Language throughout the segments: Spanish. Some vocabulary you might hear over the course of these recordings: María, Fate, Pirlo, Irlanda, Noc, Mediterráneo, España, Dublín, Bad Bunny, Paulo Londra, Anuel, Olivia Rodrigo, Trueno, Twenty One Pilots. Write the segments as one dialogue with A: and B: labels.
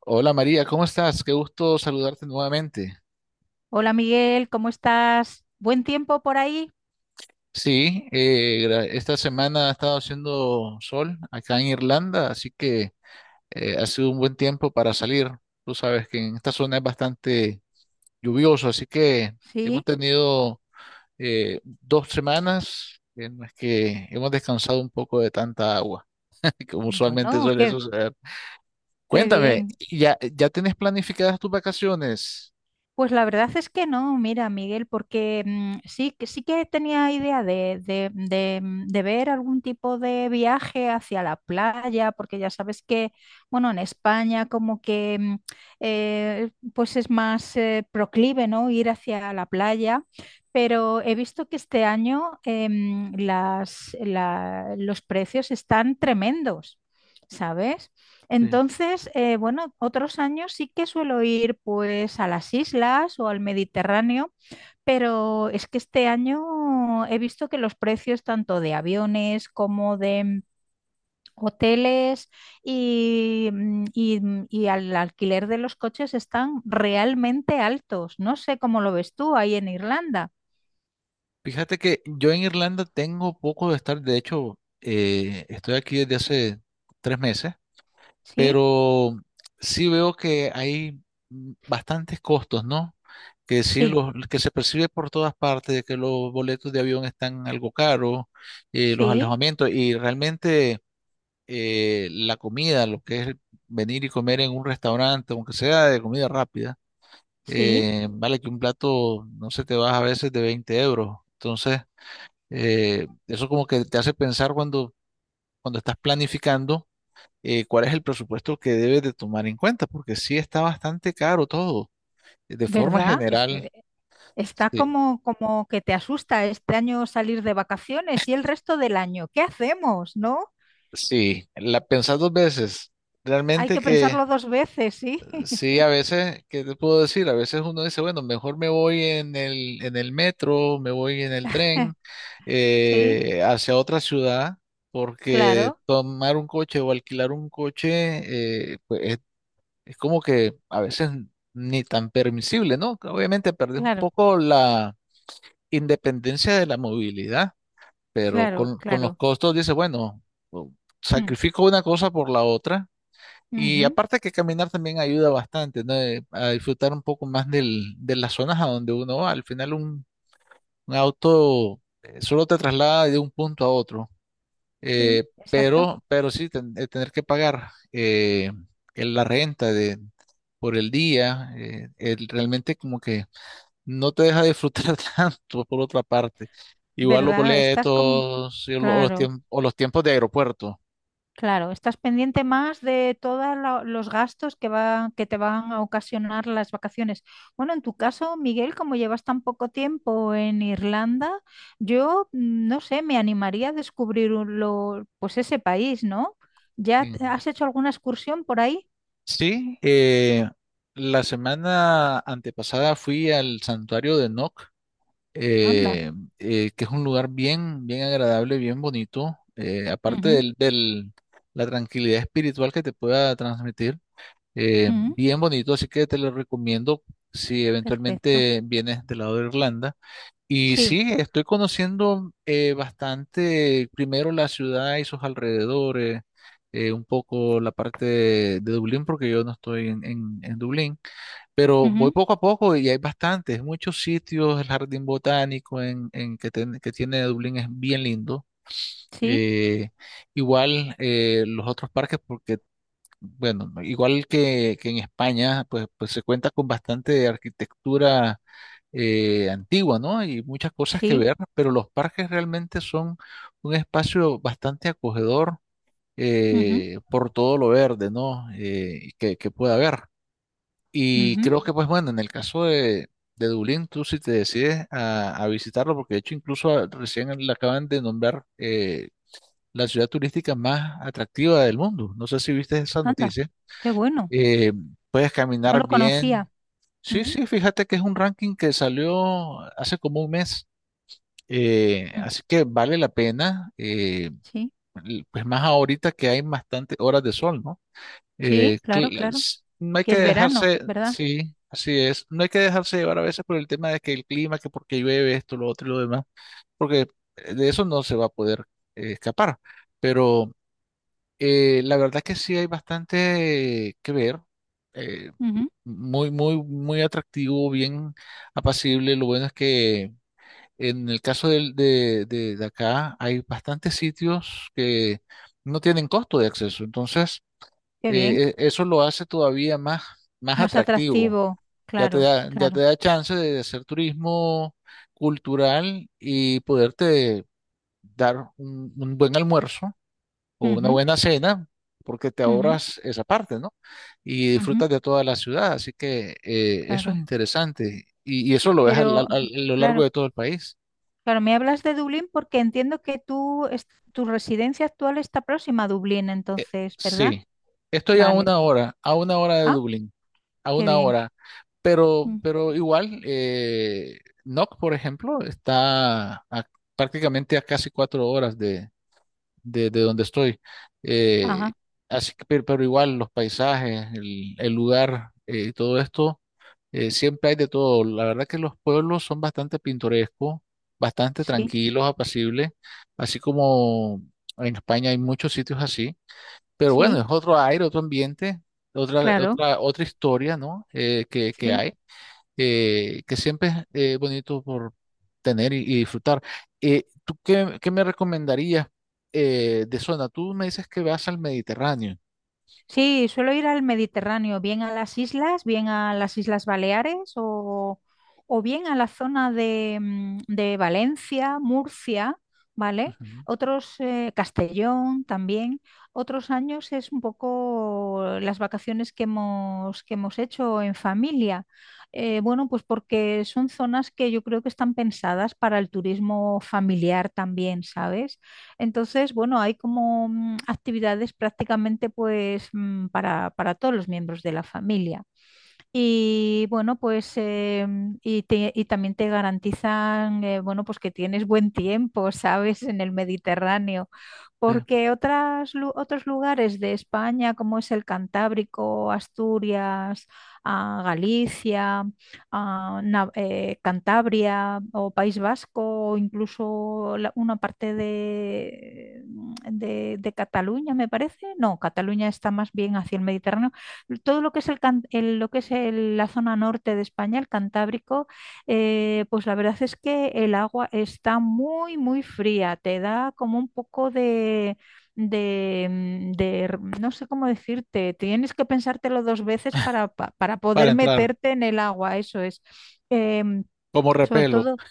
A: Hola María, ¿cómo estás? Qué gusto saludarte nuevamente.
B: Hola Miguel, ¿cómo estás? ¿Buen tiempo por ahí?
A: Sí, esta semana ha estado haciendo sol acá en Irlanda, así que ha sido un buen tiempo para salir. Tú sabes que en esta zona es bastante lluvioso, así que hemos
B: Sí,
A: tenido dos semanas en las que hemos descansado un poco de tanta agua, como usualmente
B: bueno,
A: suele
B: qué,
A: suceder.
B: qué
A: Cuéntame,
B: bien.
A: ¿Ya tienes planificadas tus vacaciones?
B: Pues la verdad es que no, mira, Miguel, porque sí que tenía idea de ver algún tipo de viaje hacia la playa, porque ya sabes que, bueno, en España como que pues es más proclive, ¿no? Ir hacia la playa, pero he visto que este año los precios están tremendos, ¿sabes?
A: Sí.
B: Entonces, bueno, otros años sí que suelo ir pues a las islas o al Mediterráneo, pero es que este año he visto que los precios tanto de aviones como de hoteles y al alquiler de los coches están realmente altos. No sé cómo lo ves tú ahí en Irlanda.
A: Fíjate que yo en Irlanda tengo poco de estar, de hecho, estoy aquí desde hace 3 meses,
B: Sí,
A: pero sí veo que hay bastantes costos, ¿no? Que sí,
B: sí,
A: los, que se percibe por todas partes, de que los boletos de avión están algo caros, los
B: sí,
A: alojamientos y realmente la comida, lo que es venir y comer en un restaurante, aunque sea de comida rápida,
B: sí,
A: vale que un plato, no sé, te vas a veces de 20 euros. Entonces... eso como que te hace pensar cuando estás planificando cuál es el presupuesto que debes de tomar en cuenta, porque sí está bastante caro todo. De forma
B: ¿verdad?
A: general,
B: Está
A: sí,
B: como que te asusta este año salir de vacaciones y el resto del año. ¿Qué hacemos, no?
A: sí, la pensás dos veces.
B: Hay
A: Realmente
B: que
A: que
B: pensarlo dos veces, sí.
A: sí, a veces, ¿qué te puedo decir? A veces uno dice, bueno, mejor me voy en el metro, me voy en el tren
B: Sí,
A: hacia otra ciudad, porque
B: claro,
A: tomar un coche o alquilar un coche pues, es como que a veces ni tan permisible, ¿no? Obviamente perdés un
B: claro,
A: poco la independencia de la movilidad, pero
B: claro,
A: con los
B: claro.
A: costos dices, bueno, o-
B: Mm,
A: sacrifico una cosa por la otra. Y
B: ujú,
A: aparte que caminar también ayuda bastante, ¿no? A disfrutar un poco más del, de las zonas a donde uno va. Al final un auto solo te traslada de un punto a otro.
B: sí,
A: Eh,
B: exacto.
A: pero sí, tener que pagar la renta de, por el día, realmente como que no te deja disfrutar tanto por otra parte. Igual los
B: ¿Verdad? Estás como...
A: boletos y lo- o los,
B: Claro.
A: tiemp- o los tiempos de aeropuerto.
B: Claro, estás pendiente más de todos los gastos que te van a ocasionar las vacaciones. Bueno, en tu caso, Miguel, como llevas tan poco tiempo en Irlanda, yo no sé, me animaría a descubrir pues ese país, ¿no? ¿Ya
A: En-
B: has hecho alguna excursión por ahí?
A: sí, la semana antepasada fui al santuario de Noc
B: Anda.
A: eh, que es un lugar bien, bien agradable, bien bonito, aparte
B: Ujú,
A: del, del- la tranquilidad espiritual que te pueda transmitir,
B: ujú,
A: bien bonito, así que te lo recomiendo si
B: perfecto.
A: eventualmente vienes del lado de Irlanda. Y
B: Sí,
A: sí, estoy conociendo bastante, primero la ciudad y sus alrededores, un poco la parte de Dublín, porque yo no estoy en Dublín. Pero voy
B: ujú,
A: poco a poco y hay bastantes, muchos sitios. El jardín botánico en que tiene Dublín es bien lindo.
B: sí,
A: Eh, igual los otros parques, porque, bueno, igual que en España, pues se cuenta con bastante arquitectura antigua, ¿no? Y muchas cosas que
B: sí,
A: ver, pero los parques realmente son un espacio bastante acogedor
B: ujú,
A: por todo lo verde, ¿no? Eh, que pueda haber. Y
B: ujú,
A: creo que, pues bueno, en el caso de Dublín, tú si te decides a visitarlo, porque de hecho incluso recién le acaban de nombrar la ciudad turística más atractiva del mundo. No sé si viste esa
B: anda,
A: noticia.
B: qué bueno.
A: Eh, puedes
B: No
A: caminar
B: lo
A: bien.
B: conocía.
A: Sí,
B: Ujú,
A: sí, fíjate que es un ranking que salió hace como un mes.
B: ujú,
A: Así que vale la pena, eh,
B: sí,
A: l- pues más ahorita que hay bastantes horas de sol, ¿no?
B: sí, claro, claro.
A: No hay
B: Que
A: que
B: es verano,
A: dejarse,
B: ¿verdad?
A: sí, así es, no hay que dejarse llevar a veces por el tema de que el clima, que porque llueve esto, lo otro y lo demás, porque de eso no se va a poder escapar. Pero la verdad que sí hay bastante que ver, eh,
B: Ujú,
A: muy, muy, muy atractivo, bien apacible. Lo bueno es que en el caso de acá hay bastantes sitios que no tienen costo de acceso, entonces
B: qué bien,
A: eso lo hace todavía más, más
B: más
A: atractivo.
B: atractivo,
A: Ya te
B: claro,
A: da, ya te
B: claro.
A: da chance de hacer turismo cultural y poderte dar un buen almuerzo o una
B: Ujú,
A: buena cena, porque te
B: ujú,
A: ahorras esa parte, ¿no? Y
B: ujú,
A: disfrutas de toda la ciudad. Así que eso es
B: claro.
A: interesante. Y eso lo ves
B: Pero,
A: a lo largo
B: claro,
A: de todo el país.
B: claro, me hablas de Dublín porque entiendo que tú, tu residencia actual está próxima a Dublín, entonces, ¿verdad?
A: Sí. Estoy
B: Vale.
A: a una hora de
B: Ah,
A: Dublín. A
B: qué
A: una
B: bien.
A: hora. Pero,
B: Mm,
A: pero igual, NOC, por ejemplo, está prácticamente a casi 4 horas de donde estoy. Eh,
B: ajá,
A: así que, pero igual, los paisajes, el lugar y todo esto, siempre hay de todo. La verdad que los pueblos son bastante pintorescos, bastante
B: sí,
A: tranquilos, apacibles, así como en España hay muchos sitios así. Pero bueno,
B: sí,
A: es otro aire, otro ambiente, otra,
B: claro,
A: otra, otra historia, ¿no? Eh, que
B: sí.
A: hay, que siempre es bonito por tener y disfrutar. ¿Tú qué me recomendarías de zona? Tú me dices que vas al Mediterráneo.
B: Sí, suelo ir al Mediterráneo, bien a las islas, bien a las Islas Baleares o bien a la zona de Valencia, Murcia, ¿vale?
A: Ujú.
B: Otros, Castellón también. Otros años es un poco las vacaciones que hemos hecho en familia. Bueno, pues porque son zonas que yo creo que están pensadas para el turismo familiar también, ¿sabes? Entonces, bueno, hay como actividades prácticamente pues para todos los miembros de la familia. Y bueno, pues y también te garantizan, bueno, pues que tienes buen tiempo, ¿sabes? En el Mediterráneo,
A: Sí.
B: porque otros lugares de España, como es el Cantábrico, Asturias, ah, Galicia, ah, Cantabria o País Vasco, o incluso una parte de, de Cataluña, me parece. No, Cataluña está más bien hacia el Mediterráneo, todo lo que es el, can- el- lo que es el- la zona norte de España, el Cantábrico, pues la verdad es que el agua está muy, muy fría, te da como un poco de, mm, de r- no sé cómo decirte, tienes que pensártelo dos veces para, para
A: Para
B: poder
A: entrar,
B: meterte en el agua, eso es. Em,
A: como
B: sobre
A: repelo,
B: todo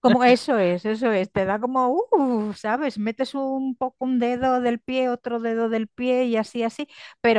B: como eso es, te da como, ¿sabes? Metes un poco un dedo del pie, otro dedo del pie y así, así,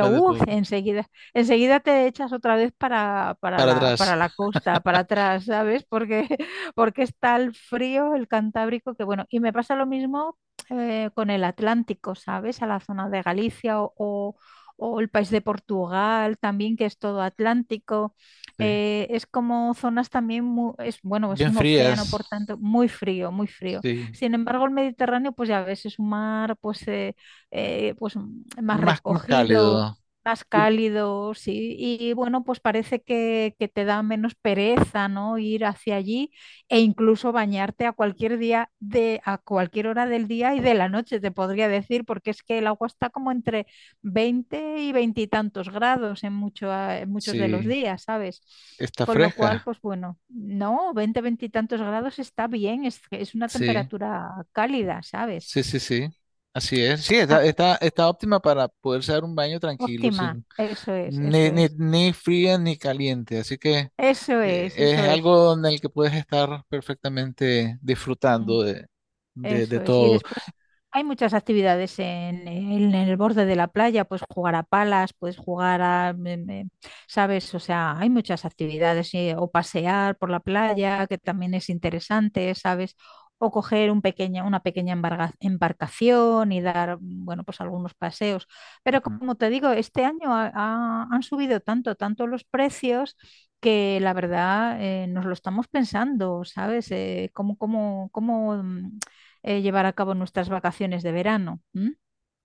A: va de po-
B: enseguida te echas otra vez para, para
A: para
B: la,
A: atrás,
B: para la costa, para atrás, ¿sabes? Porque, porque está el frío, el Cantábrico, que bueno, y me pasa lo mismo con el Atlántico, ¿sabes? A la zona de Galicia o, o el país de Portugal también, que es todo Atlántico.
A: sí.
B: Es como zonas también, es, bueno, es
A: Bien
B: un océano,
A: frías,
B: por tanto, muy frío, muy frío.
A: sí.
B: Sin embargo, el Mediterráneo, pues ya ves, es un mar pues más
A: Más, más
B: recogido,
A: cálido,
B: más
A: y-
B: cálido, sí. Y bueno, pues parece que te da menos pereza, ¿no? Ir hacia allí e incluso bañarte a cualquier día de, a cualquier hora del día y de la noche, te podría decir, porque es que el agua está como entre 20 y 20 y tantos grados en muchos de los
A: sí.
B: días, ¿sabes?
A: Está
B: Con lo cual,
A: fresca,
B: pues bueno, no, 20, tantos grados está bien, es una
A: sí.
B: temperatura cálida, ¿sabes?
A: Sí, sí, sí. Así es. Sí,
B: Ah,
A: está, está, está óptima para poderse dar un baño tranquilo,
B: óptima,
A: sin
B: eso es,
A: ni,
B: eso
A: ni,
B: es,
A: ni fría ni caliente. Así que
B: eso es, eso
A: es
B: es.
A: algo en el que puedes estar perfectamente disfrutando
B: Eso
A: de
B: es. Y
A: todo.
B: después hay muchas actividades en el borde de la playa, puedes jugar a palas, puedes jugar a, me- me- ¿sabes? O sea, hay muchas actividades, o pasear por la playa, que también es interesante, ¿sabes? O coger un pequeña, una pequeña embarcación y dar, bueno, pues algunos paseos. Pero
A: Ujú.
B: como te digo, este año ha- ha- han subido tanto, tanto los precios que la verdad nos lo estamos pensando, ¿sabes? ¿Cómo llevar a cabo nuestras vacaciones de verano? ¿M?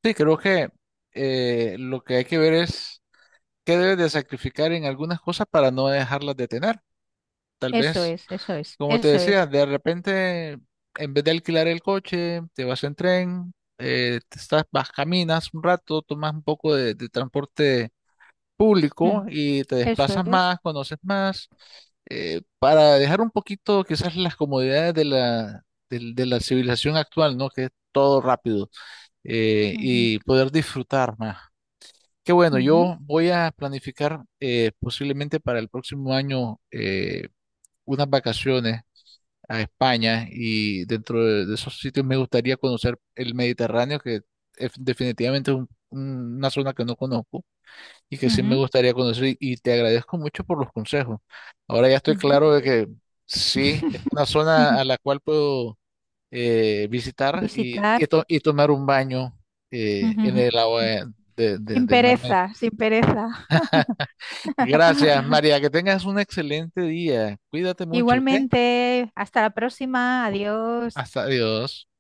A: Sí, creo que lo que hay que ver es qué debes de sacrificar en algunas cosas para no dejarlas de tener. Tal
B: Eso
A: vez.
B: es, eso es,
A: Como te
B: eso
A: decía,
B: es,
A: de repente, en vez de alquilar el coche, te vas en tren, te estás, vas, caminas un rato, tomas un poco de transporte público
B: mm,
A: y te
B: eso
A: desplazas
B: es.
A: más, conoces más, para dejar un poquito quizás las comodidades de la, de la civilización actual, ¿no? Que es todo rápido, y poder disfrutar más. Qué bueno,
B: Ujú, ujú,
A: yo voy a planificar posiblemente para el próximo año unas vacaciones a España y dentro de esos sitios me gustaría conocer el Mediterráneo, que es definitivamente es una zona que no conozco y que sí me gustaría conocer y te agradezco mucho por los consejos. Ahora ya estoy
B: ujú, ujú.
A: claro de que sí, es una zona a la cual puedo visitar y,
B: Visitar.
A: y tomar un baño
B: Ujú,
A: en el agua
B: ujú. Sin
A: del mar Mediterráneo.
B: pereza, sin pereza.
A: Gracias, María, que tengas un excelente día. Cuídate mucho, ¿ok?
B: Igualmente, hasta la próxima. Adiós.
A: Hasta adiós.